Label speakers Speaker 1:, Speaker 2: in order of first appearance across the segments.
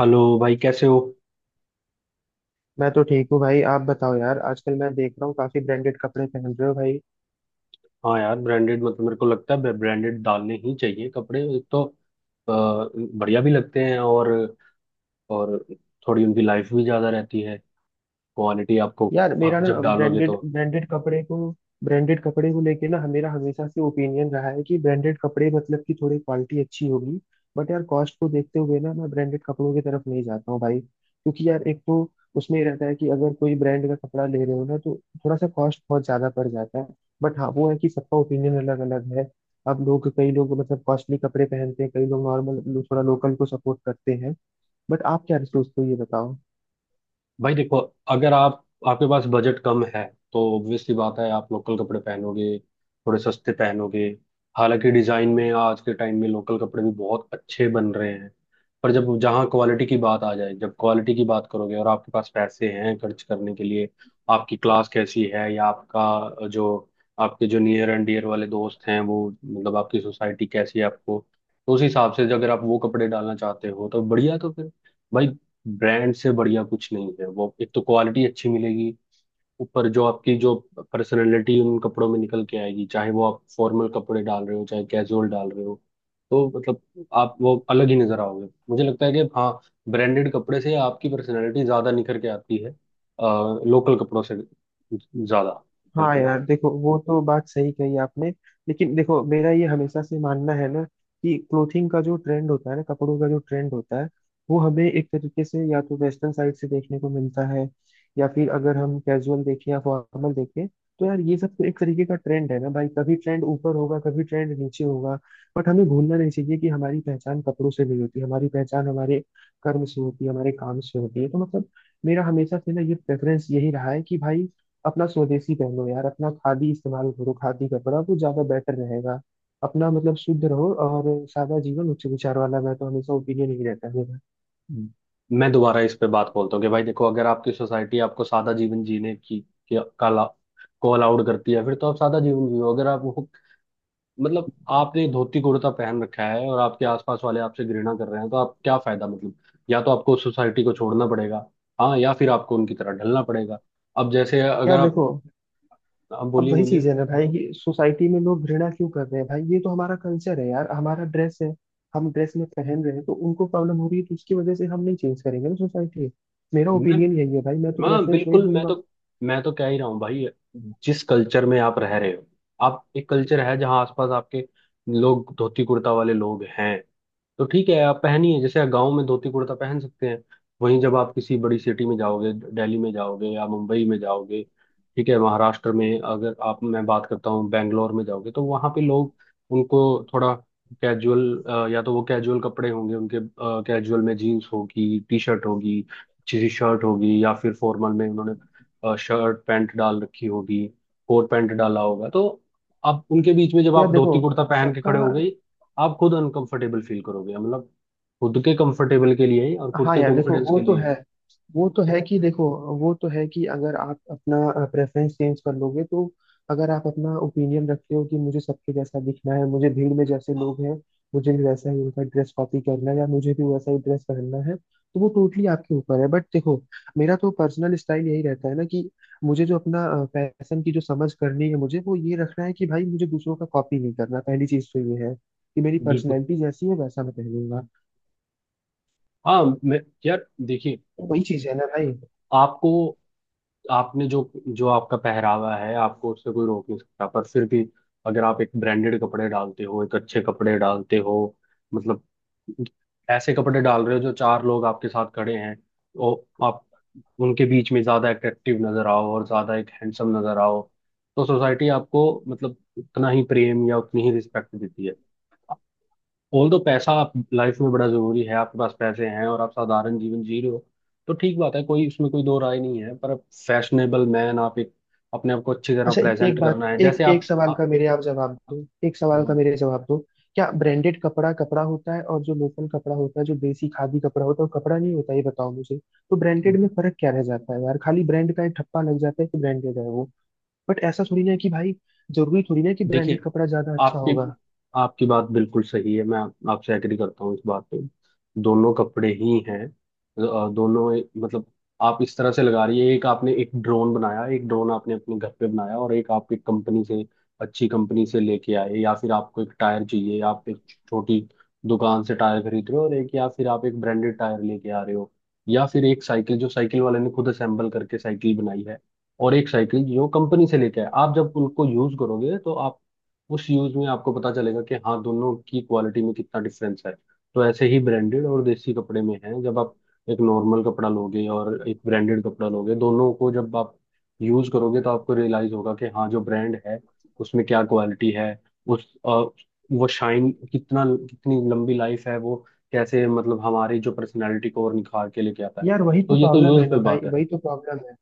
Speaker 1: Hello भाई, कैसे हो।
Speaker 2: मैं तो ठीक हूँ भाई। आप बताओ यार, आजकल मैं देख रहा हूँ काफी ब्रांडेड कपड़े पहन रहे हो भाई।
Speaker 1: हाँ यार, ब्रांडेड मतलब मेरे को लगता है ब्रांडेड डालने ही चाहिए कपड़े। एक तो बढ़िया भी लगते हैं और और थोड़ी उनकी लाइफ भी ज़्यादा रहती है। क्वालिटी आपको
Speaker 2: यार मेरा
Speaker 1: आप
Speaker 2: ना
Speaker 1: जब डालोगे
Speaker 2: ब्रांडेड
Speaker 1: तो।
Speaker 2: ब्रांडेड कपड़े को लेके ना मेरा हमेशा से ओपिनियन रहा है कि ब्रांडेड कपड़े मतलब कि थोड़ी क्वालिटी अच्छी होगी। बट यार कॉस्ट को देखते हुए ना मैं ब्रांडेड कपड़ों की तरफ नहीं जाता हूँ भाई, क्योंकि यार एक तो उसमें ये रहता है कि अगर कोई ब्रांड का कपड़ा ले रहे हो ना, तो थोड़ा सा कॉस्ट बहुत ज्यादा पड़ जाता है। बट हाँ, वो है कि सबका ओपिनियन अलग अलग है। अब लोग, कई लोग मतलब कॉस्टली कपड़े पहनते हैं, कई लोग नॉर्मल थोड़ा लोकल को सपोर्ट करते हैं। बट आप क्या सोचते हो, ये बताओ।
Speaker 1: भाई देखो, अगर आप आपके पास बजट कम है तो ऑब्वियस सी बात है आप लोकल कपड़े पहनोगे, थोड़े सस्ते पहनोगे। हालांकि डिजाइन में आज के टाइम में लोकल कपड़े भी बहुत अच्छे बन रहे हैं। पर जब जहाँ क्वालिटी की बात आ जाए, जब क्वालिटी की बात करोगे और आपके पास पैसे हैं खर्च करने के लिए, आपकी क्लास कैसी है या आपका जो आपके जो नियर एंड डियर वाले दोस्त हैं, वो मतलब आपकी सोसाइटी कैसी है आपको, तो उस हिसाब से अगर आप वो कपड़े डालना चाहते हो तो बढ़िया। तो फिर भाई, ब्रांड से बढ़िया कुछ नहीं है। वो एक तो क्वालिटी अच्छी मिलेगी, ऊपर जो आपकी जो पर्सनालिटी उन कपड़ों में निकल के आएगी, चाहे वो आप फॉर्मल कपड़े डाल रहे हो चाहे कैजुअल डाल रहे हो। तो मतलब आप वो अलग ही नजर आओगे। मुझे लगता है कि हाँ, ब्रांडेड कपड़े से आपकी पर्सनालिटी ज्यादा निखर के आती है लोकल कपड़ों से ज्यादा।
Speaker 2: हाँ
Speaker 1: बिल्कुल।
Speaker 2: यार देखो, वो तो बात सही कही आपने। लेकिन देखो, मेरा ये हमेशा से मानना है ना कि क्लोथिंग का जो ट्रेंड होता है ना, कपड़ों का जो ट्रेंड होता है, वो हमें एक तरीके से या तो वेस्टर्न साइड से देखने को मिलता है, या फिर अगर हम कैजुअल देखें या फॉर्मल देखें, तो यार ये सब तो एक तरीके का ट्रेंड है ना भाई। कभी ट्रेंड ऊपर होगा, कभी ट्रेंड नीचे होगा। बट हमें भूलना नहीं चाहिए कि हमारी पहचान कपड़ों से नहीं होती, हमारी पहचान हमारे कर्म से होती है, हमारे काम से होती है। तो मतलब, मेरा हमेशा से ना ये प्रेफरेंस यही रहा है कि भाई अपना स्वदेशी पहनो यार, अपना खादी इस्तेमाल करो, खादी कपड़ा वो ज्यादा बेटर रहेगा। अपना मतलब शुद्ध रहो, और सादा जीवन उच्च विचार वाला मैं तो हमेशा ओपिनियन ही रहता है मेरा।
Speaker 1: मैं दोबारा इस पे बात बोलता हूँ कि भाई देखो, अगर आपकी सोसाइटी आपको सादा जीवन जीने की के- का ला- को अलाउड करती है फिर तो आप सादा जीवन जियो। अगर आप मतलब आपने धोती कुर्ता पहन रखा है और आपके आसपास वाले आपसे घृणा कर रहे हैं तो आप क्या फायदा मतलब। या तो आपको सोसाइटी को छोड़ना पड़ेगा, हाँ, या फिर आपको उनकी तरह ढलना पड़ेगा। अब जैसे अगर
Speaker 2: यार
Speaker 1: आप,
Speaker 2: देखो,
Speaker 1: आप
Speaker 2: अब
Speaker 1: बोलिए
Speaker 2: वही
Speaker 1: बोलिए।
Speaker 2: चीज है ना भाई कि सोसाइटी में लोग घृणा क्यों कर रहे हैं? भाई ये तो हमारा कल्चर है यार, हमारा ड्रेस है। हम ड्रेस में पहन रहे हैं तो उनको प्रॉब्लम हो रही है, तो उसकी वजह से हम नहीं चेंज करेंगे ना सोसाइटी। मेरा ओपिनियन यही है भाई, मैं तो
Speaker 1: हाँ
Speaker 2: प्रेफरेंस वही
Speaker 1: बिल्कुल। मैं तो
Speaker 2: दूंगा।
Speaker 1: मैं तो कह ही रहा हूँ भाई, जिस कल्चर में आप रह रहे हो, आप एक कल्चर है जहाँ आसपास आपके लोग धोती कुर्ता वाले लोग हैं, तो ठीक है आप पहनिए। जैसे गांव में धोती कुर्ता पहन सकते हैं। वहीं जब आप किसी बड़ी सिटी में जाओगे, दिल्ली में जाओगे या मुंबई में जाओगे, ठीक है महाराष्ट्र में, अगर आप मैं बात करता हूँ बेंगलोर में जाओगे, तो वहाँ पे लोग, उनको थोड़ा कैजुअल, या तो वो कैजुअल कपड़े होंगे उनके। कैजुअल में जीन्स होगी, टी शर्ट होगी, अच्छी सी शर्ट होगी, या फिर फॉर्मल में उन्होंने शर्ट पैंट डाल रखी होगी, कोट पैंट डाला होगा। तो आप उनके बीच में जब
Speaker 2: यार
Speaker 1: आप
Speaker 2: देखो,
Speaker 1: धोती कुर्ता पहन के
Speaker 2: सबका,
Speaker 1: खड़े हो गए, आप खुद अनकंफर्टेबल फील करोगे। मतलब खुद के कंफर्टेबल के लिए और खुद
Speaker 2: हाँ
Speaker 1: के
Speaker 2: यार देखो
Speaker 1: कॉन्फिडेंस
Speaker 2: वो
Speaker 1: के
Speaker 2: तो
Speaker 1: लिए,
Speaker 2: है। वो तो है कि देखो वो तो है कि अगर आप अपना प्रेफरेंस चेंज कर लोगे तो, अगर आप अपना ओपिनियन रखते हो कि मुझे सबके जैसा दिखना है, मुझे भीड़ में जैसे लोग हैं मुझे भी वैसा ही उनका ड्रेस कॉपी करना है, या मुझे भी वैसा ही ड्रेस पहनना है, तो वो टोटली आपके ऊपर है। बट देखो, मेरा तो पर्सनल स्टाइल यही रहता है ना कि मुझे जो अपना फैशन की जो समझ करनी है मुझे, वो ये रखना है कि भाई मुझे दूसरों का कॉपी नहीं करना। पहली चीज तो ये है कि मेरी
Speaker 1: बिल्कुल।
Speaker 2: पर्सनैलिटी जैसी है वैसा मैं पहनूंगा।
Speaker 1: हाँ, मैं, यार देखिए,
Speaker 2: वही चीज है ना भाई।
Speaker 1: आपको आपने जो जो आपका पहरावा है, आपको उससे कोई रोक नहीं सकता। पर फिर भी अगर आप एक ब्रांडेड कपड़े डालते हो, एक अच्छे कपड़े डालते हो, मतलब ऐसे कपड़े डाल रहे हो जो चार लोग आपके साथ खड़े हैं और आप उनके बीच में ज्यादा अट्रैक्टिव नजर आओ और ज्यादा एक हैंडसम नजर आओ, तो सोसाइटी आपको मतलब उतना ही प्रेम या उतनी ही रिस्पेक्ट देती है। ऑल दो पैसा आप लाइफ में बड़ा जरूरी है, आपके पास पैसे हैं और आप साधारण जीवन जी रहे हो तो ठीक बात है, कोई उसमें कोई दो राय नहीं है। पर फैशनेबल मैन, आप एक अपने आप को अच्छी तरह
Speaker 2: अच्छा, एक
Speaker 1: प्रेजेंट
Speaker 2: बात,
Speaker 1: करना है।
Speaker 2: एक
Speaker 1: जैसे
Speaker 2: एक
Speaker 1: आप,
Speaker 2: सवाल का
Speaker 1: आप
Speaker 2: मेरे आप जवाब दो। एक सवाल का
Speaker 1: बोलो।
Speaker 2: मेरे जवाब दो, क्या ब्रांडेड कपड़ा कपड़ा होता है, और जो लोकल कपड़ा होता है, जो देसी खादी कपड़ा होता है, वो कपड़ा नहीं होता? ये बताओ मुझे। तो ब्रांडेड में फर्क क्या रह जाता है यार? खाली ब्रांड का एक ठप्पा लग जाता है कि ब्रांडेड है वो। बट ऐसा थोड़ी ना है कि भाई जरूरी थोड़ी ना है कि ब्रांडेड
Speaker 1: देखिए,
Speaker 2: कपड़ा ज्यादा अच्छा
Speaker 1: आपकी
Speaker 2: होगा।
Speaker 1: आपकी बात बिल्कुल सही है। मैं आपसे एग्री करता हूँ इस बात पे। दोनों कपड़े ही हैं। दोनों मतलब आप इस तरह से लगा रही है, एक आपने एक ड्रोन बनाया, एक ड्रोन आपने अपने घर पे बनाया और एक आप एक कंपनी से, अच्छी कंपनी से लेके आए। या फिर आपको एक टायर चाहिए, आप एक छोटी दुकान से टायर खरीद रहे हो और एक, या फिर आप एक ब्रांडेड टायर लेके आ रहे हो। या फिर एक साइकिल जो साइकिल वाले ने खुद असेंबल करके साइकिल बनाई है, और एक साइकिल जो कंपनी से लेके आए, आप जब उनको यूज करोगे तो उस यूज में आपको पता चलेगा कि हाँ, दोनों की क्वालिटी में कितना डिफरेंस है। तो ऐसे ही ब्रांडेड और देसी कपड़े में है। जब आप एक नॉर्मल कपड़ा लोगे और एक ब्रांडेड कपड़ा लोगे, दोनों को जब आप यूज करोगे तो आपको रियलाइज होगा कि हाँ, जो ब्रांड है उसमें क्या क्वालिटी है। उस अ, वो शाइन कितना, कितनी लंबी लाइफ है, वो कैसे मतलब हमारी जो पर्सनैलिटी को और निखार के लेके आता है।
Speaker 2: यार वही
Speaker 1: तो
Speaker 2: तो
Speaker 1: ये तो
Speaker 2: प्रॉब्लम है
Speaker 1: यूज पे
Speaker 2: ना भाई,
Speaker 1: बात है।
Speaker 2: वही तो प्रॉब्लम है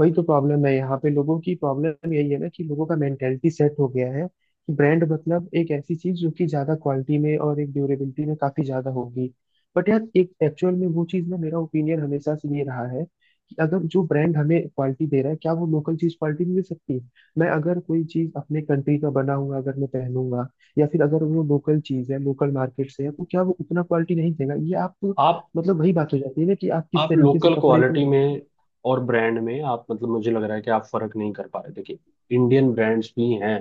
Speaker 2: वही तो प्रॉब्लम है यहाँ पे। लोगों की प्रॉब्लम यही है ना कि लोगों का मेंटेलिटी सेट हो गया है कि ब्रांड मतलब एक ऐसी चीज जो कि ज्यादा क्वालिटी में और एक ड्यूरेबिलिटी में काफी ज्यादा होगी। बट यार एक एक्चुअल में वो चीज ना, मेरा ओपिनियन हमेशा से ये रहा है कि अगर जो ब्रांड हमें क्वालिटी दे रहा है, क्या वो लोकल चीज क्वालिटी मिल सकती है? मैं अगर कोई चीज अपने कंट्री का बना हुआ अगर मैं पहनूंगा, या फिर अगर वो लोकल चीज है, लोकल मार्केट से है, तो क्या वो उतना क्वालिटी नहीं देगा? ये आप तो,
Speaker 1: आप
Speaker 2: मतलब वही बात हो जाती है ना कि आप किस
Speaker 1: आप
Speaker 2: तरीके से
Speaker 1: लोकल
Speaker 2: कपड़े को।
Speaker 1: क्वालिटी में और ब्रांड में, आप मतलब मुझे लग रहा है कि आप फर्क नहीं कर पा रहे। देखिए, इंडियन ब्रांड्स भी हैं,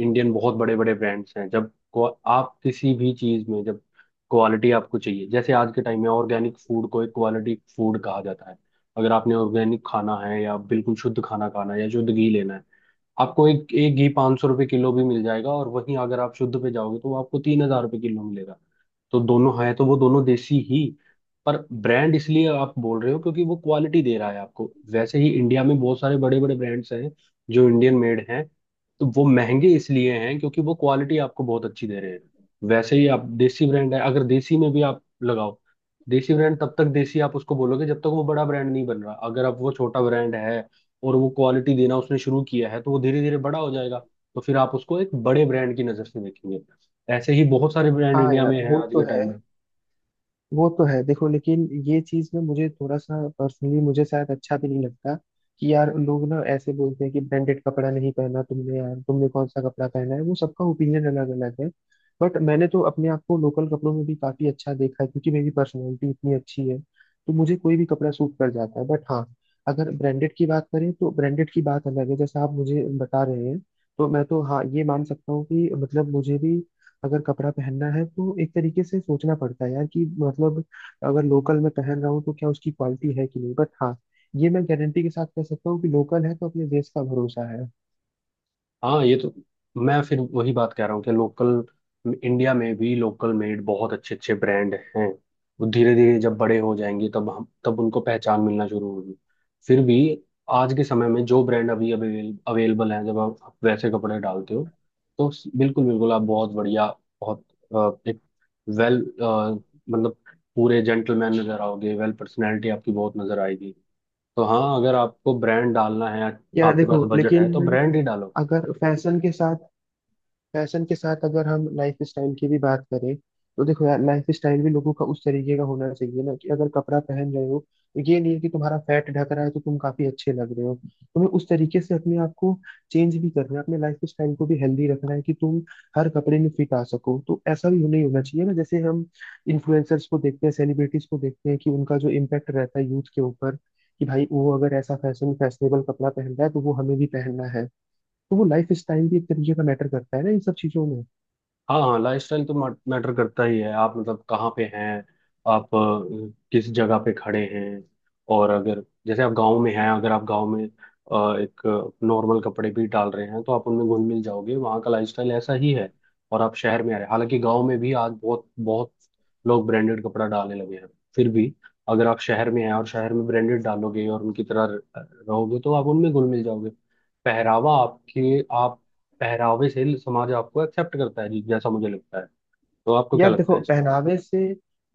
Speaker 1: इंडियन बहुत बड़े बड़े ब्रांड्स हैं। जब आप किसी भी चीज में जब क्वालिटी आपको चाहिए, जैसे आज के टाइम में ऑर्गेनिक फूड को एक क्वालिटी फूड कहा जाता है। अगर आपने ऑर्गेनिक खाना है या बिल्कुल शुद्ध खाना खाना है या शुद्ध घी लेना है, आपको एक एक घी 500 रुपये किलो भी मिल जाएगा, और वहीं अगर आप शुद्ध पे जाओगे तो वो आपको 3000 रुपये किलो मिलेगा। तो दोनों है, तो वो दोनों देसी ही, पर ब्रांड इसलिए आप बोल रहे हो क्योंकि वो क्वालिटी दे रहा है आपको। वैसे ही इंडिया में बहुत सारे बड़े बड़े ब्रांड्स हैं जो इंडियन मेड हैं। तो वो महंगे इसलिए हैं क्योंकि वो क्वालिटी आपको बहुत अच्छी दे रहे हैं। वैसे ही आप देसी ब्रांड है, अगर देसी में भी आप लगाओ, देसी ब्रांड तब तक देसी आप उसको बोलोगे जब तक वो बड़ा ब्रांड नहीं बन रहा। अगर अब वो छोटा ब्रांड है और वो क्वालिटी देना उसने शुरू किया है, तो वो धीरे धीरे बड़ा हो जाएगा, तो फिर आप उसको एक बड़े ब्रांड की नज़र से देखेंगे। ऐसे ही बहुत सारे ब्रांड
Speaker 2: हाँ
Speaker 1: इंडिया में
Speaker 2: यार
Speaker 1: हैं
Speaker 2: वो
Speaker 1: आज
Speaker 2: तो
Speaker 1: के
Speaker 2: है,
Speaker 1: टाइम में।
Speaker 2: वो तो है। देखो लेकिन ये चीज ना मुझे थोड़ा सा पर्सनली मुझे शायद अच्छा भी नहीं लगता कि यार लोग ना ऐसे बोलते हैं कि ब्रांडेड कपड़ा नहीं पहना तुमने। यार तुमने कौन सा कपड़ा पहना है, वो सबका ओपिनियन अलग अलग है। बट मैंने तो अपने आप को लोकल कपड़ों में भी काफी अच्छा देखा है, क्योंकि मेरी पर्सनैलिटी इतनी अच्छी है तो मुझे कोई भी कपड़ा सूट कर जाता है। बट हाँ, अगर ब्रांडेड की बात करें तो ब्रांडेड की बात अलग है, जैसा आप मुझे बता रहे हैं। तो मैं तो हाँ ये मान सकता हूँ कि मतलब मुझे भी अगर कपड़ा पहनना है तो एक तरीके से सोचना पड़ता है यार, कि मतलब अगर लोकल में पहन रहा हूँ तो क्या उसकी क्वालिटी है कि नहीं। बट हाँ, ये मैं गारंटी के साथ कह सकता हूँ कि लोकल है तो अपने देश का भरोसा है।
Speaker 1: हाँ ये तो, मैं फिर वही बात कह रहा हूँ कि लोकल इंडिया में भी लोकल मेड बहुत अच्छे अच्छे ब्रांड हैं। वो धीरे धीरे जब बड़े हो जाएंगे तब उनको पहचान मिलना शुरू होगी। फिर भी आज के समय में जो ब्रांड अभी अवेलेबल हैं, जब आप वैसे कपड़े डालते हो तो बिल्कुल बिल्कुल आप बहुत बढ़िया, बहुत एक वेल मतलब पूरे जेंटलमैन नजर आओगे, वेल पर्सनैलिटी आपकी बहुत नजर आएगी। तो हाँ, अगर आपको ब्रांड डालना है,
Speaker 2: यार
Speaker 1: आपके
Speaker 2: देखो
Speaker 1: पास बजट है,
Speaker 2: लेकिन,
Speaker 1: तो ब्रांड ही डालो।
Speaker 2: अगर फैशन के साथ, फैशन के साथ अगर हम लाइफ स्टाइल की भी बात करें, तो देखो यार लाइफ स्टाइल भी लोगों का उस तरीके का होना चाहिए ना कि अगर कपड़ा पहन रहे हो, तो ये नहीं है कि तुम्हारा फैट ढक रहा है तो तुम काफी अच्छे लग रहे हो। तुम्हें उस तरीके से अपने आप को चेंज भी करना है, अपने लाइफ स्टाइल को भी हेल्दी रखना है कि तुम हर कपड़े में फिट आ सको। तो ऐसा भी नहीं होना चाहिए ना जैसे हम इन्फ्लुएंसर्स को देखते हैं, सेलिब्रिटीज को देखते हैं, कि उनका जो इम्पैक्ट रहता है यूथ के ऊपर कि भाई वो अगर ऐसा फैशन फैशनेबल कपड़ा पहन रहा है तो वो हमें भी पहनना है। तो वो लाइफ स्टाइल भी एक तरीके का मैटर करता है ना इन सब चीजों में।
Speaker 1: हाँ हाँ, लाइफस्टाइल तो मैटर करता ही है। आप मतलब कहाँ पे हैं, किस जगह पे खड़े हैं। और अगर जैसे आप गांव में हैं, अगर आप गांव में एक नॉर्मल कपड़े भी डाल रहे हैं, तो आप उनमें घुल मिल जाओगे, वहाँ का लाइफस्टाइल ऐसा ही है। और आप शहर में आ रहे हैं, हालांकि गांव में भी आज बहुत बहुत लोग ब्रांडेड कपड़ा डालने लगे हैं। फिर भी अगर आप शहर में हैं और शहर में ब्रांडेड डालोगे और उनकी तरह रहोगे, तो आप उनमें घुल मिल जाओगे। पहरावा आपके आप पहरावे से समाज आपको एक्सेप्ट करता है जी, जैसा मुझे लगता है। तो आपको क्या
Speaker 2: यार
Speaker 1: लगता
Speaker 2: देखो,
Speaker 1: है इसमें।
Speaker 2: पहनावे से,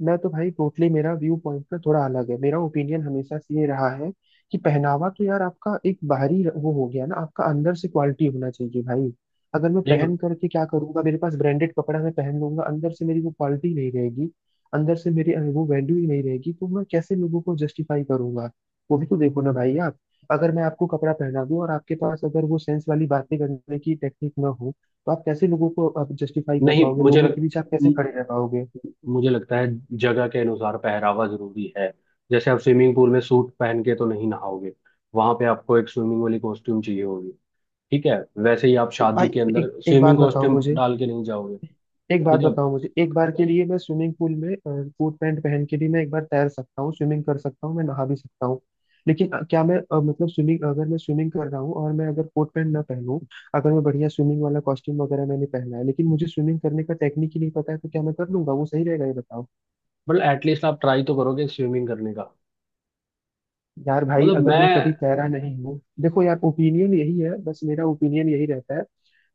Speaker 2: मैं तो भाई टोटली मेरा व्यू पॉइंट ना थोड़ा अलग है। मेरा ओपिनियन हमेशा से ये रहा है कि पहनावा तो यार आपका एक बाहरी वो हो गया ना, आपका अंदर से क्वालिटी होना चाहिए भाई। अगर मैं
Speaker 1: नहीं
Speaker 2: पहन करके क्या करूंगा, मेरे पास ब्रांडेड कपड़ा मैं पहन लूंगा, अंदर से मेरी वो क्वालिटी नहीं रहेगी, अंदर से मेरी वो वैल्यू ही नहीं रहेगी, तो मैं कैसे लोगों को जस्टिफाई करूंगा? वो भी तो देखो ना भाई। आप, अगर मैं आपको कपड़ा पहना दूं और आपके पास अगर वो सेंस वाली बातें करने की टेक्निक ना हो, तो आप कैसे लोगों को आप जस्टिफाई कर
Speaker 1: नहीं,
Speaker 2: पाओगे? लोगों के बीच आप कैसे
Speaker 1: म-
Speaker 2: खड़े रह पाओगे?
Speaker 1: मुझे लगता है जगह के अनुसार पहरावा जरूरी है। जैसे आप स्विमिंग पूल में सूट पहन के तो नहीं नहाओगे, वहां पे आपको एक स्विमिंग वाली कॉस्ट्यूम चाहिए होगी। ठीक है। वैसे ही आप
Speaker 2: तो भाई,
Speaker 1: शादी के अंदर
Speaker 2: एक एक बात
Speaker 1: स्विमिंग
Speaker 2: बताओ
Speaker 1: कॉस्ट्यूम
Speaker 2: मुझे।
Speaker 1: डाल के नहीं जाओगे।
Speaker 2: एक बात
Speaker 1: ठीक है,
Speaker 2: बताओ मुझे, एक बार के लिए मैं स्विमिंग पूल में कोट पैंट पहन के भी मैं एक बार तैर सकता हूँ, स्विमिंग कर सकता हूँ, मैं नहा भी सकता हूँ। लेकिन क्या मैं मतलब स्विमिंग, अगर मैं स्विमिंग कर रहा हूँ और मैं अगर कोट पैंट ना पहनूं, अगर मैं बढ़िया स्विमिंग वाला कॉस्ट्यूम वगैरह मैंने पहना है, लेकिन मुझे स्विमिंग करने का टेक्निक ही नहीं पता है, तो क्या मैं कर लूंगा, वो सही रहेगा? ये बताओ।
Speaker 1: मतलब एटलीस्ट आप ट्राई तो करोगे स्विमिंग करने का।
Speaker 2: यार भाई,
Speaker 1: मतलब
Speaker 2: अगर मैं कभी
Speaker 1: मैं
Speaker 2: कह रहा नहीं हूँ, देखो यार ओपिनियन यही है बस, मेरा ओपिनियन यही रहता है।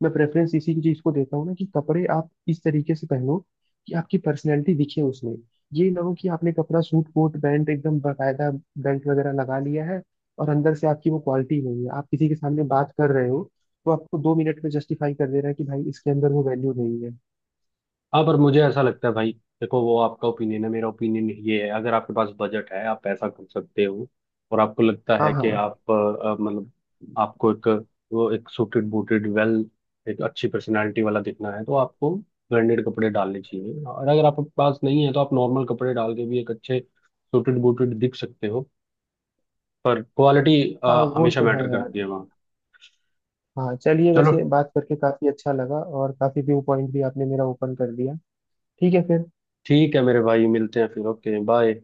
Speaker 2: मैं प्रेफरेंस इसी चीज को देता हूँ ना कि कपड़े आप इस तरीके से पहनो कि आपकी पर्सनैलिटी दिखे उसमें। ये ना हो कि आपने कपड़ा, सूट कोट पैंट एकदम बाकायदा बेल्ट वगैरह लगा लिया है, और अंदर से आपकी वो क्वालिटी नहीं है। आप किसी के सामने बात कर रहे हो तो आपको 2 मिनट में जस्टिफाई कर दे रहा है कि भाई इसके अंदर वो वैल्यू नहीं है।
Speaker 1: हाँ, पर मुझे ऐसा लगता है भाई, देखो, वो आपका ओपिनियन है, मेरा ओपिनियन ये है, अगर आपके पास बजट है, आप पैसा कर सकते हो, और आपको लगता
Speaker 2: हाँ,
Speaker 1: है कि
Speaker 2: हाँ,
Speaker 1: मतलब आपको एक वो एक सूटेड बूटेड वेल एक अच्छी पर्सनालिटी वाला दिखना है, तो आपको ब्रांडेड कपड़े डालने चाहिए। और अगर आपके पास नहीं है तो आप नॉर्मल कपड़े डाल के भी एक अच्छे सूटेड बूटेड दिख सकते हो, पर क्वालिटी
Speaker 2: हाँ वो
Speaker 1: हमेशा
Speaker 2: तो
Speaker 1: मैटर
Speaker 2: है यार।
Speaker 1: करती है वहाँ।
Speaker 2: हाँ चलिए,
Speaker 1: चलो
Speaker 2: वैसे बात करके काफी अच्छा लगा, और काफी व्यू पॉइंट भी आपने मेरा ओपन कर दिया। ठीक है फिर।
Speaker 1: ठीक है मेरे भाई, मिलते हैं फिर। Okay bye.